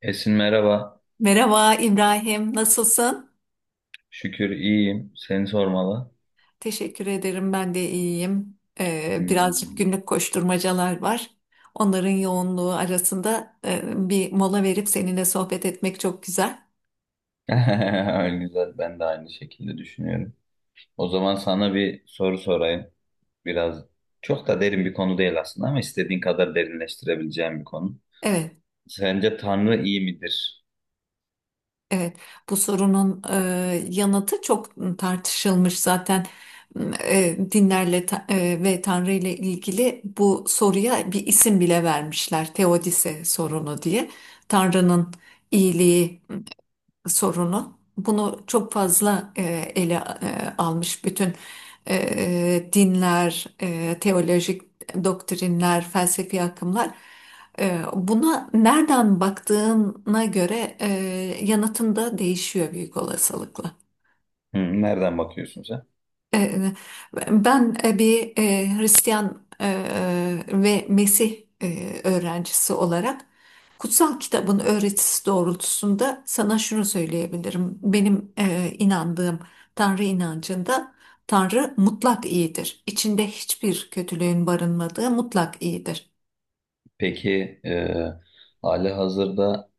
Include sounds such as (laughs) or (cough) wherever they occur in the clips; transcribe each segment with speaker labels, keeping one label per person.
Speaker 1: Esin, merhaba.
Speaker 2: Merhaba İbrahim, nasılsın?
Speaker 1: Şükür iyiyim. Seni sormalı.
Speaker 2: Teşekkür ederim, ben de iyiyim. Birazcık
Speaker 1: Hmm.
Speaker 2: günlük koşturmacalar var. Onların yoğunluğu arasında bir mola verip seninle sohbet etmek çok güzel.
Speaker 1: (laughs) Güzel. Ben de aynı şekilde düşünüyorum. O zaman sana bir soru sorayım. Biraz çok da derin bir konu değil aslında ama istediğin kadar derinleştirebileceğim bir konu.
Speaker 2: Evet,
Speaker 1: Sence Tanrı iyi midir?
Speaker 2: evet. Bu sorunun yanıtı çok tartışılmış zaten. Dinlerle ve Tanrı ile ilgili bu soruya bir isim bile vermişler. Teodise sorunu diye. Tanrı'nın iyiliği sorunu. Bunu çok fazla ele almış bütün dinler, teolojik doktrinler, felsefi akımlar. Buna nereden baktığına göre yanıtın da değişiyor büyük olasılıkla.
Speaker 1: Nereden bakıyorsun sen?
Speaker 2: E, Ben bir Hristiyan ve Mesih öğrencisi olarak kutsal kitabın öğretisi doğrultusunda sana şunu söyleyebilirim. Benim inandığım Tanrı inancında Tanrı mutlak iyidir. İçinde hiçbir kötülüğün barınmadığı mutlak iyidir.
Speaker 1: Peki hali hazırda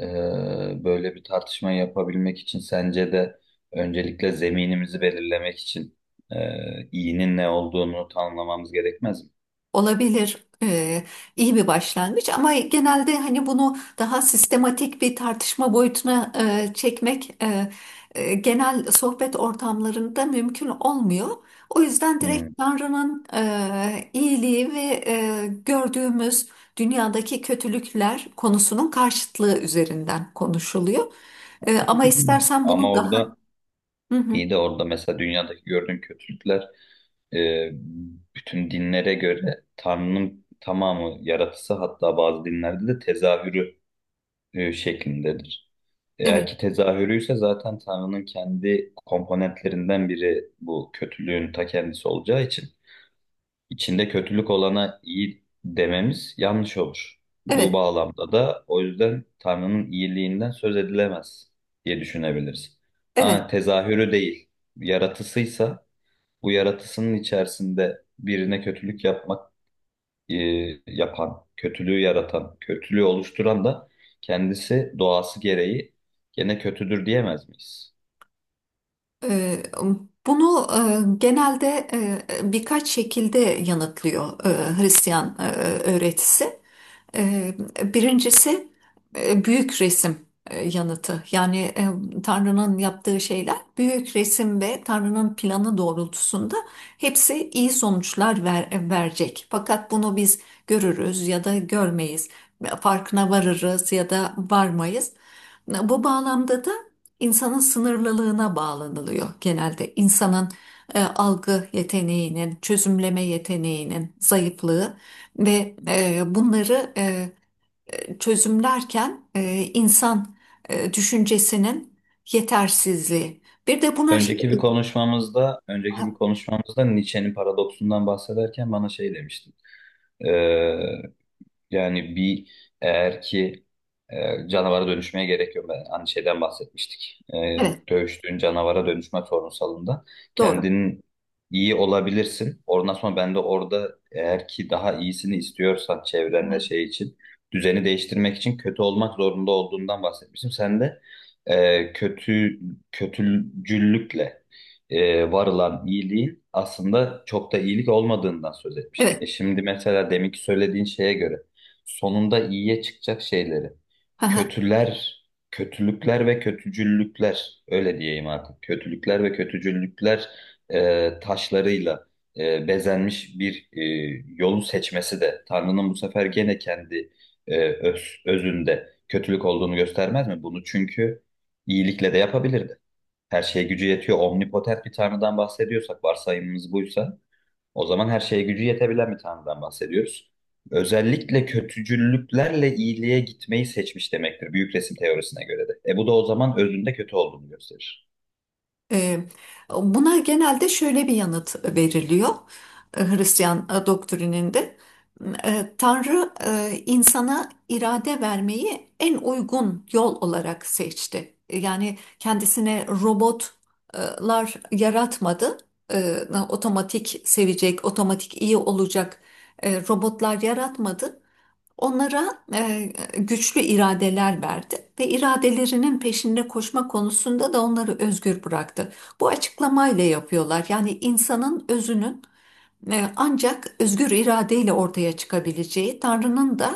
Speaker 1: e, böyle bir tartışma yapabilmek için sence de öncelikle zeminimizi belirlemek için iyinin ne olduğunu tanımlamamız gerekmez mi?
Speaker 2: Olabilir. Ee, iyi bir başlangıç ama genelde hani bunu daha sistematik bir tartışma boyutuna çekmek genel sohbet ortamlarında mümkün olmuyor. O yüzden
Speaker 1: Hmm.
Speaker 2: direkt Tanrı'nın iyiliği ve gördüğümüz dünyadaki kötülükler konusunun karşıtlığı üzerinden konuşuluyor. Ama
Speaker 1: (clears throat)
Speaker 2: istersen bunu
Speaker 1: Ama
Speaker 2: daha.
Speaker 1: orada
Speaker 2: Hı hı,
Speaker 1: iyi de orada mesela dünyadaki gördüğün kötülükler e, bütün dinlere göre Tanrı'nın tamamı yaratısı, hatta bazı dinlerde de tezahürü şeklindedir. Eğer
Speaker 2: evet,
Speaker 1: ki tezahürüyse, zaten Tanrı'nın kendi komponentlerinden biri bu kötülüğün ta kendisi olacağı için içinde kötülük olana iyi dememiz yanlış olur. Bu
Speaker 2: evet,
Speaker 1: bağlamda da o yüzden Tanrı'nın iyiliğinden söz edilemez diye düşünebiliriz. Ha,
Speaker 2: evet.
Speaker 1: tezahürü değil, yaratısıysa, bu yaratısının içerisinde birine kötülük yapmak, e, yapan, kötülüğü yaratan, kötülüğü oluşturan da kendisi, doğası gereği gene kötüdür diyemez miyiz?
Speaker 2: Ee, Bunu genelde birkaç şekilde yanıtlıyor Hristiyan öğretisi. Ee, Birincisi büyük resim yanıtı. Yani Tanrı'nın yaptığı şeyler büyük resim ve Tanrı'nın planı doğrultusunda hepsi iyi sonuçlar verecek. Fakat bunu biz görürüz ya da görmeyiz. Farkına varırız ya da varmayız. Bu bağlamda da insanın sınırlılığına bağlanılıyor genelde. İnsanın algı yeteneğinin, çözümleme yeteneğinin zayıflığı ve bunları çözümlerken insan düşüncesinin yetersizliği. Bir de buna şey.
Speaker 1: Önceki bir konuşmamızda, önceki
Speaker 2: Ha,
Speaker 1: bir konuşmamızda Nietzsche'nin paradoksundan bahsederken bana şey demiştin. Yani eğer ki canavara dönüşmeye gerek yok. Ben hani şeyden bahsetmiştik.
Speaker 2: evet,
Speaker 1: Dövüştüğün canavara dönüşme sorunsalında
Speaker 2: doğru.
Speaker 1: kendin iyi olabilirsin. Ondan sonra ben de orada, eğer ki daha iyisini istiyorsan çevren ve şey için, düzeni değiştirmek için kötü olmak zorunda olduğundan bahsetmiştim. Sen de e, kötü kötücüllükle varılan iyiliğin aslında çok da iyilik olmadığından söz etmiştin.
Speaker 2: Evet.
Speaker 1: Şimdi mesela deminki söylediğin şeye göre sonunda iyiye çıkacak şeyleri.
Speaker 2: (laughs)
Speaker 1: Kötüler, kötülükler ve kötücüllükler, öyle diyeyim artık. Kötülükler ve kötücüllükler taşlarıyla bezenmiş bir yolu seçmesi de Tanrı'nın, bu sefer gene kendi özünde kötülük olduğunu göstermez mi? Bunu çünkü iyilikle de yapabilirdi. Her şeye gücü yetiyor. Omnipotent bir Tanrı'dan bahsediyorsak, varsayımımız buysa, o zaman her şeye gücü yetebilen bir tanrıdan bahsediyoruz. Özellikle kötücüllüklerle iyiliğe gitmeyi seçmiş demektir büyük resim teorisine göre de. Bu da o zaman özünde kötü olduğunu gösterir.
Speaker 2: E, Buna genelde şöyle bir yanıt veriliyor Hristiyan doktrininde. Tanrı insana irade vermeyi en uygun yol olarak seçti. Yani kendisine robotlar yaratmadı. E, Otomatik sevecek, otomatik iyi olacak robotlar yaratmadı. Onlara güçlü iradeler verdi ve iradelerinin peşinde koşma konusunda da onları özgür bıraktı. Bu açıklamayla yapıyorlar. Yani insanın özünün ancak özgür iradeyle ortaya çıkabileceği, Tanrı'nın da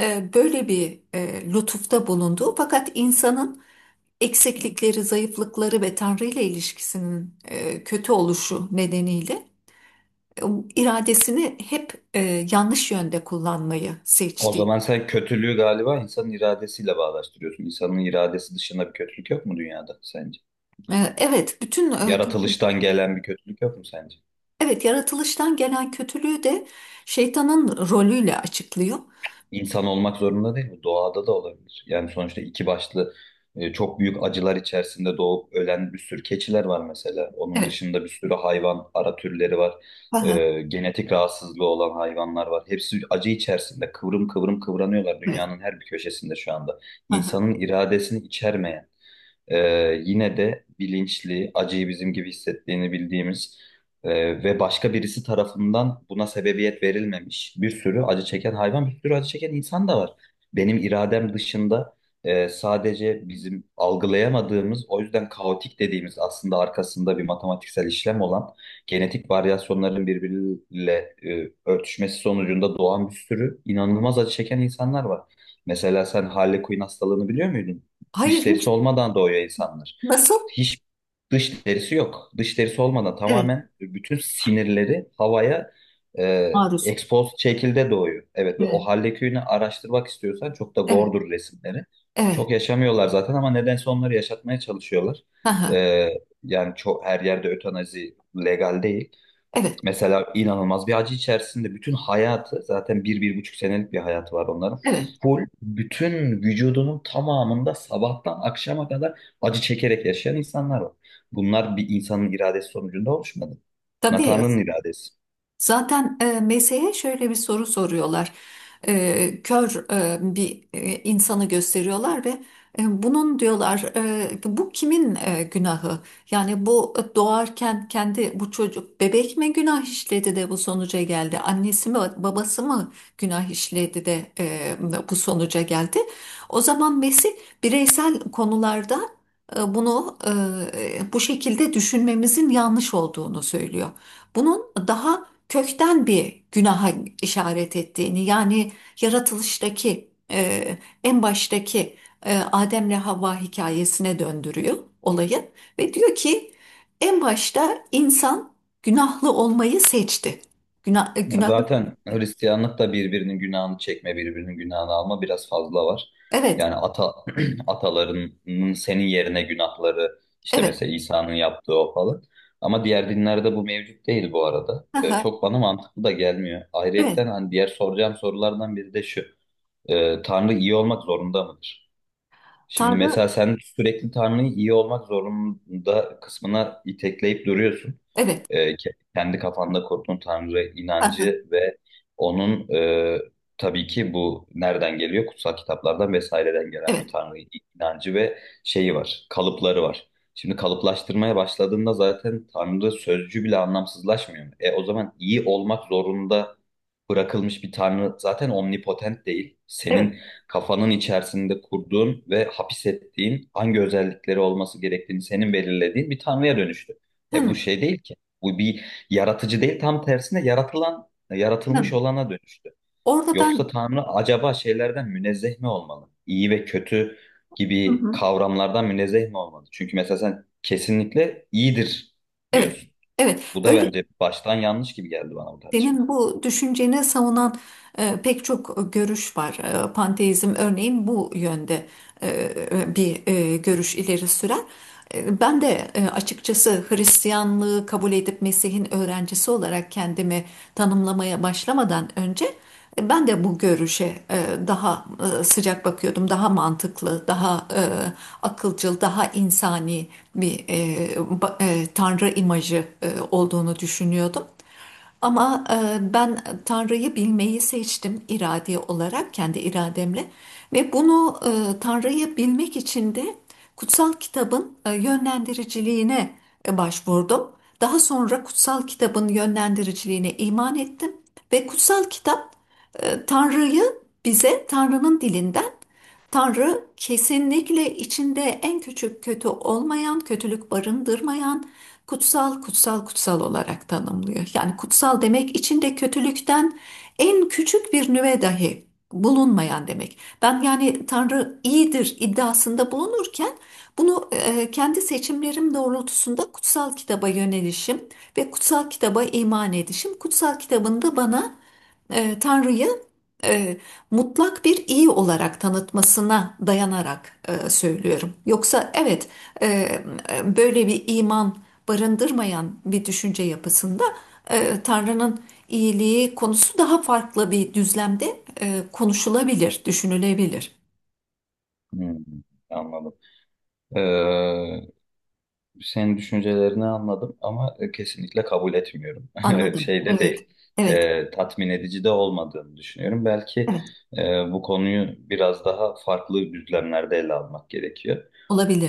Speaker 2: böyle bir lütufta bulunduğu fakat insanın eksiklikleri, zayıflıkları ve Tanrı ile ilişkisinin kötü oluşu nedeniyle e, iradesini hep yanlış yönde kullanmayı
Speaker 1: O
Speaker 2: seçti.
Speaker 1: zaman sen kötülüğü galiba insanın iradesiyle bağdaştırıyorsun. İnsanın iradesi dışında bir kötülük yok mu dünyada sence?
Speaker 2: Evet, bütün. e, kötü-
Speaker 1: Yaratılıştan gelen bir kötülük yok mu sence?
Speaker 2: evet yaratılıştan gelen kötülüğü de şeytanın rolüyle açıklıyor.
Speaker 1: İnsan olmak zorunda değil bu. Doğada da olabilir. Yani sonuçta iki başlı, çok büyük acılar içerisinde doğup ölen bir sürü keçiler var mesela. Onun
Speaker 2: Evet.
Speaker 1: dışında bir sürü hayvan, ara türleri var.
Speaker 2: Aha,
Speaker 1: Genetik rahatsızlığı olan hayvanlar var. Hepsi acı içerisinde kıvrım kıvrım kıvranıyorlar
Speaker 2: evet.
Speaker 1: dünyanın her bir köşesinde şu anda.
Speaker 2: Aha.
Speaker 1: İnsanın iradesini içermeyen, e, yine de bilinçli, acıyı bizim gibi hissettiğini bildiğimiz, ve başka birisi tarafından buna sebebiyet verilmemiş bir sürü acı çeken hayvan, bir sürü acı çeken insan da var. Benim iradem dışında, sadece bizim algılayamadığımız, o yüzden kaotik dediğimiz, aslında arkasında bir matematiksel işlem olan genetik varyasyonların birbiriyle örtüşmesi sonucunda doğan bir sürü inanılmaz acı çeken insanlar var. Mesela sen Harley Quinn hastalığını biliyor muydun?
Speaker 2: Hayır,
Speaker 1: Dış
Speaker 2: hiç.
Speaker 1: derisi olmadan doğuyor insanlar.
Speaker 2: Nasıl?
Speaker 1: Hiç dış derisi yok. Dış derisi olmadan,
Speaker 2: Evet.
Speaker 1: tamamen bütün sinirleri havaya
Speaker 2: Maruz.
Speaker 1: expose şekilde doğuyor. Evet, ve o
Speaker 2: Evet.
Speaker 1: Hallekühn'i araştırmak istiyorsan çok da
Speaker 2: Evet.
Speaker 1: gordur resimleri. Çok
Speaker 2: Evet.
Speaker 1: yaşamıyorlar zaten, ama nedense onları yaşatmaya çalışıyorlar.
Speaker 2: Aha,
Speaker 1: E, Yani çok her yerde ötanazi legal değil.
Speaker 2: evet.
Speaker 1: Mesela inanılmaz bir acı içerisinde bütün hayatı, zaten bir, bir buçuk senelik bir hayatı var onların.
Speaker 2: Evet.
Speaker 1: Full bütün vücudunun tamamında sabahtan akşama kadar acı çekerek yaşayan insanlar var. Bunlar bir insanın iradesi sonucunda oluşmadı.
Speaker 2: Tabii.
Speaker 1: Tanrı'nın iradesi.
Speaker 2: Zaten meseye şöyle bir soru soruyorlar. Kör bir insanı gösteriyorlar ve bunun diyorlar bu kimin günahı? Yani bu doğarken kendi bu çocuk bebek mi günah işledi de bu sonuca geldi? Annesi mi babası mı günah işledi de bu sonuca geldi? O zaman Mesih bireysel konularda bunu bu şekilde düşünmemizin yanlış olduğunu söylüyor. Bunun daha kökten bir günaha işaret ettiğini yani yaratılıştaki en baştaki Adem'le Havva hikayesine döndürüyor olayı ve diyor ki en başta insan günahlı olmayı seçti. Günah,
Speaker 1: Ya
Speaker 2: günahlı.
Speaker 1: zaten Hristiyanlık da birbirinin günahını çekme, birbirinin günahını alma biraz fazla var.
Speaker 2: Evet,
Speaker 1: Yani (clears throat) atalarının senin yerine günahları, işte
Speaker 2: evet.
Speaker 1: mesela İsa'nın yaptığı o falan. Ama diğer dinlerde bu mevcut değil bu arada.
Speaker 2: Aha,
Speaker 1: Çok bana mantıklı da gelmiyor.
Speaker 2: evet.
Speaker 1: Ayrıyetten hani diğer soracağım sorulardan biri de şu: Tanrı iyi olmak zorunda mıdır? Şimdi mesela
Speaker 2: Tanrı.
Speaker 1: sen sürekli Tanrı'yı iyi olmak zorunda kısmına itekleyip duruyorsun.
Speaker 2: Evet.
Speaker 1: Kendi kafanda kurduğun Tanrı
Speaker 2: Aha,
Speaker 1: inancı ve onun, tabii ki bu nereden geliyor? Kutsal kitaplardan vesaireden gelen bir
Speaker 2: evet,
Speaker 1: Tanrı inancı ve şeyi var, kalıpları var. Şimdi kalıplaştırmaya başladığında zaten Tanrı sözcüğü bile anlamsızlaşmıyor. O zaman iyi olmak zorunda bırakılmış bir Tanrı zaten omnipotent değil. Senin
Speaker 2: evet.
Speaker 1: kafanın içerisinde kurduğun ve hapis ettiğin, hangi özellikleri olması gerektiğini senin belirlediğin bir tanrıya dönüştü. Ya bu
Speaker 2: Hı,
Speaker 1: şey değil ki. Bu bir yaratıcı değil, tam tersine yaratılan,
Speaker 2: hı.
Speaker 1: yaratılmış olana dönüştü.
Speaker 2: Orada
Speaker 1: Yoksa
Speaker 2: ben.
Speaker 1: tanrı acaba şeylerden münezzeh mi olmalı? İyi ve kötü
Speaker 2: Hı
Speaker 1: gibi
Speaker 2: hı,
Speaker 1: kavramlardan münezzeh mi olmalı? Çünkü mesela sen kesinlikle iyidir
Speaker 2: evet,
Speaker 1: diyorsun.
Speaker 2: evet
Speaker 1: Bu da
Speaker 2: öyle.
Speaker 1: bence baştan yanlış gibi geldi bana, bu tartışma.
Speaker 2: Senin bu düşünceni savunan pek çok görüş var. Panteizm örneğin bu yönde bir görüş ileri sürer. Ben de açıkçası Hristiyanlığı kabul edip Mesih'in öğrencisi olarak kendimi tanımlamaya başlamadan önce ben de bu görüşe e, daha sıcak bakıyordum. Daha mantıklı, daha akılcıl, daha insani bir tanrı imajı olduğunu düşünüyordum. Ama ben Tanrı'yı bilmeyi seçtim irade olarak, kendi irademle. Ve bunu Tanrı'yı bilmek için de kutsal kitabın yönlendiriciliğine başvurdum. Daha sonra kutsal kitabın yönlendiriciliğine iman ettim. Ve kutsal kitap Tanrı'yı bize Tanrı'nın dilinden Tanrı kesinlikle içinde en küçük kötü olmayan, kötülük barındırmayan, kutsal kutsal kutsal olarak tanımlıyor. Yani kutsal demek içinde kötülükten en küçük bir nüve dahi bulunmayan demek. Ben yani Tanrı iyidir iddiasında bulunurken bunu kendi seçimlerim doğrultusunda kutsal kitaba yönelişim ve kutsal kitaba iman edişim, kutsal kitabın da bana Tanrı'yı e, mutlak bir iyi olarak tanıtmasına dayanarak söylüyorum. Yoksa evet, e, böyle bir iman barındırmayan bir düşünce yapısında Tanrı'nın iyiliği konusu daha farklı bir düzlemde konuşulabilir, düşünülebilir.
Speaker 1: Hmm, Anladım. Ee, Senin düşüncelerini anladım ama kesinlikle kabul etmiyorum. (laughs)
Speaker 2: Anladım.
Speaker 1: Şeyde
Speaker 2: Evet,
Speaker 1: değil,
Speaker 2: evet,
Speaker 1: tatmin edici de olmadığını düşünüyorum. Belki
Speaker 2: evet,
Speaker 1: bu konuyu biraz daha farklı düzlemlerde ele almak gerekiyor.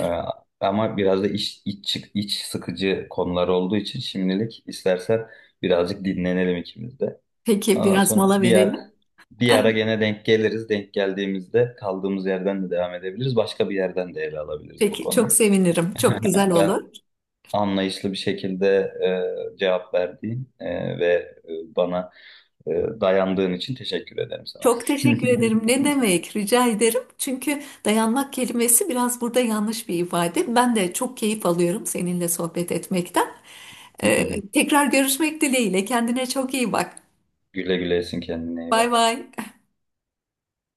Speaker 1: E, Ama biraz da iç sıkıcı konular olduğu için şimdilik istersen birazcık dinlenelim ikimiz de.
Speaker 2: Peki
Speaker 1: Ondan
Speaker 2: biraz
Speaker 1: sonra
Speaker 2: mola
Speaker 1: bir ara,
Speaker 2: verelim.
Speaker 1: bir ara
Speaker 2: (laughs)
Speaker 1: gene denk geliriz. Denk geldiğimizde kaldığımız yerden de devam edebiliriz. Başka bir yerden de ele alabiliriz bu
Speaker 2: Peki
Speaker 1: konuyu.
Speaker 2: çok sevinirim. Çok güzel
Speaker 1: Ben,
Speaker 2: olur.
Speaker 1: anlayışlı bir şekilde cevap verdiğin bana e, dayandığın için teşekkür ederim sana.
Speaker 2: Çok teşekkür
Speaker 1: (laughs)
Speaker 2: ederim. Ne demek? Rica ederim. Çünkü dayanmak kelimesi biraz burada yanlış bir ifade. Ben de çok keyif alıyorum seninle sohbet etmekten. Tekrar görüşmek dileğiyle. Kendine çok iyi bak.
Speaker 1: Güle güle, Esin, kendine iyi
Speaker 2: Bay
Speaker 1: bak.
Speaker 2: bay.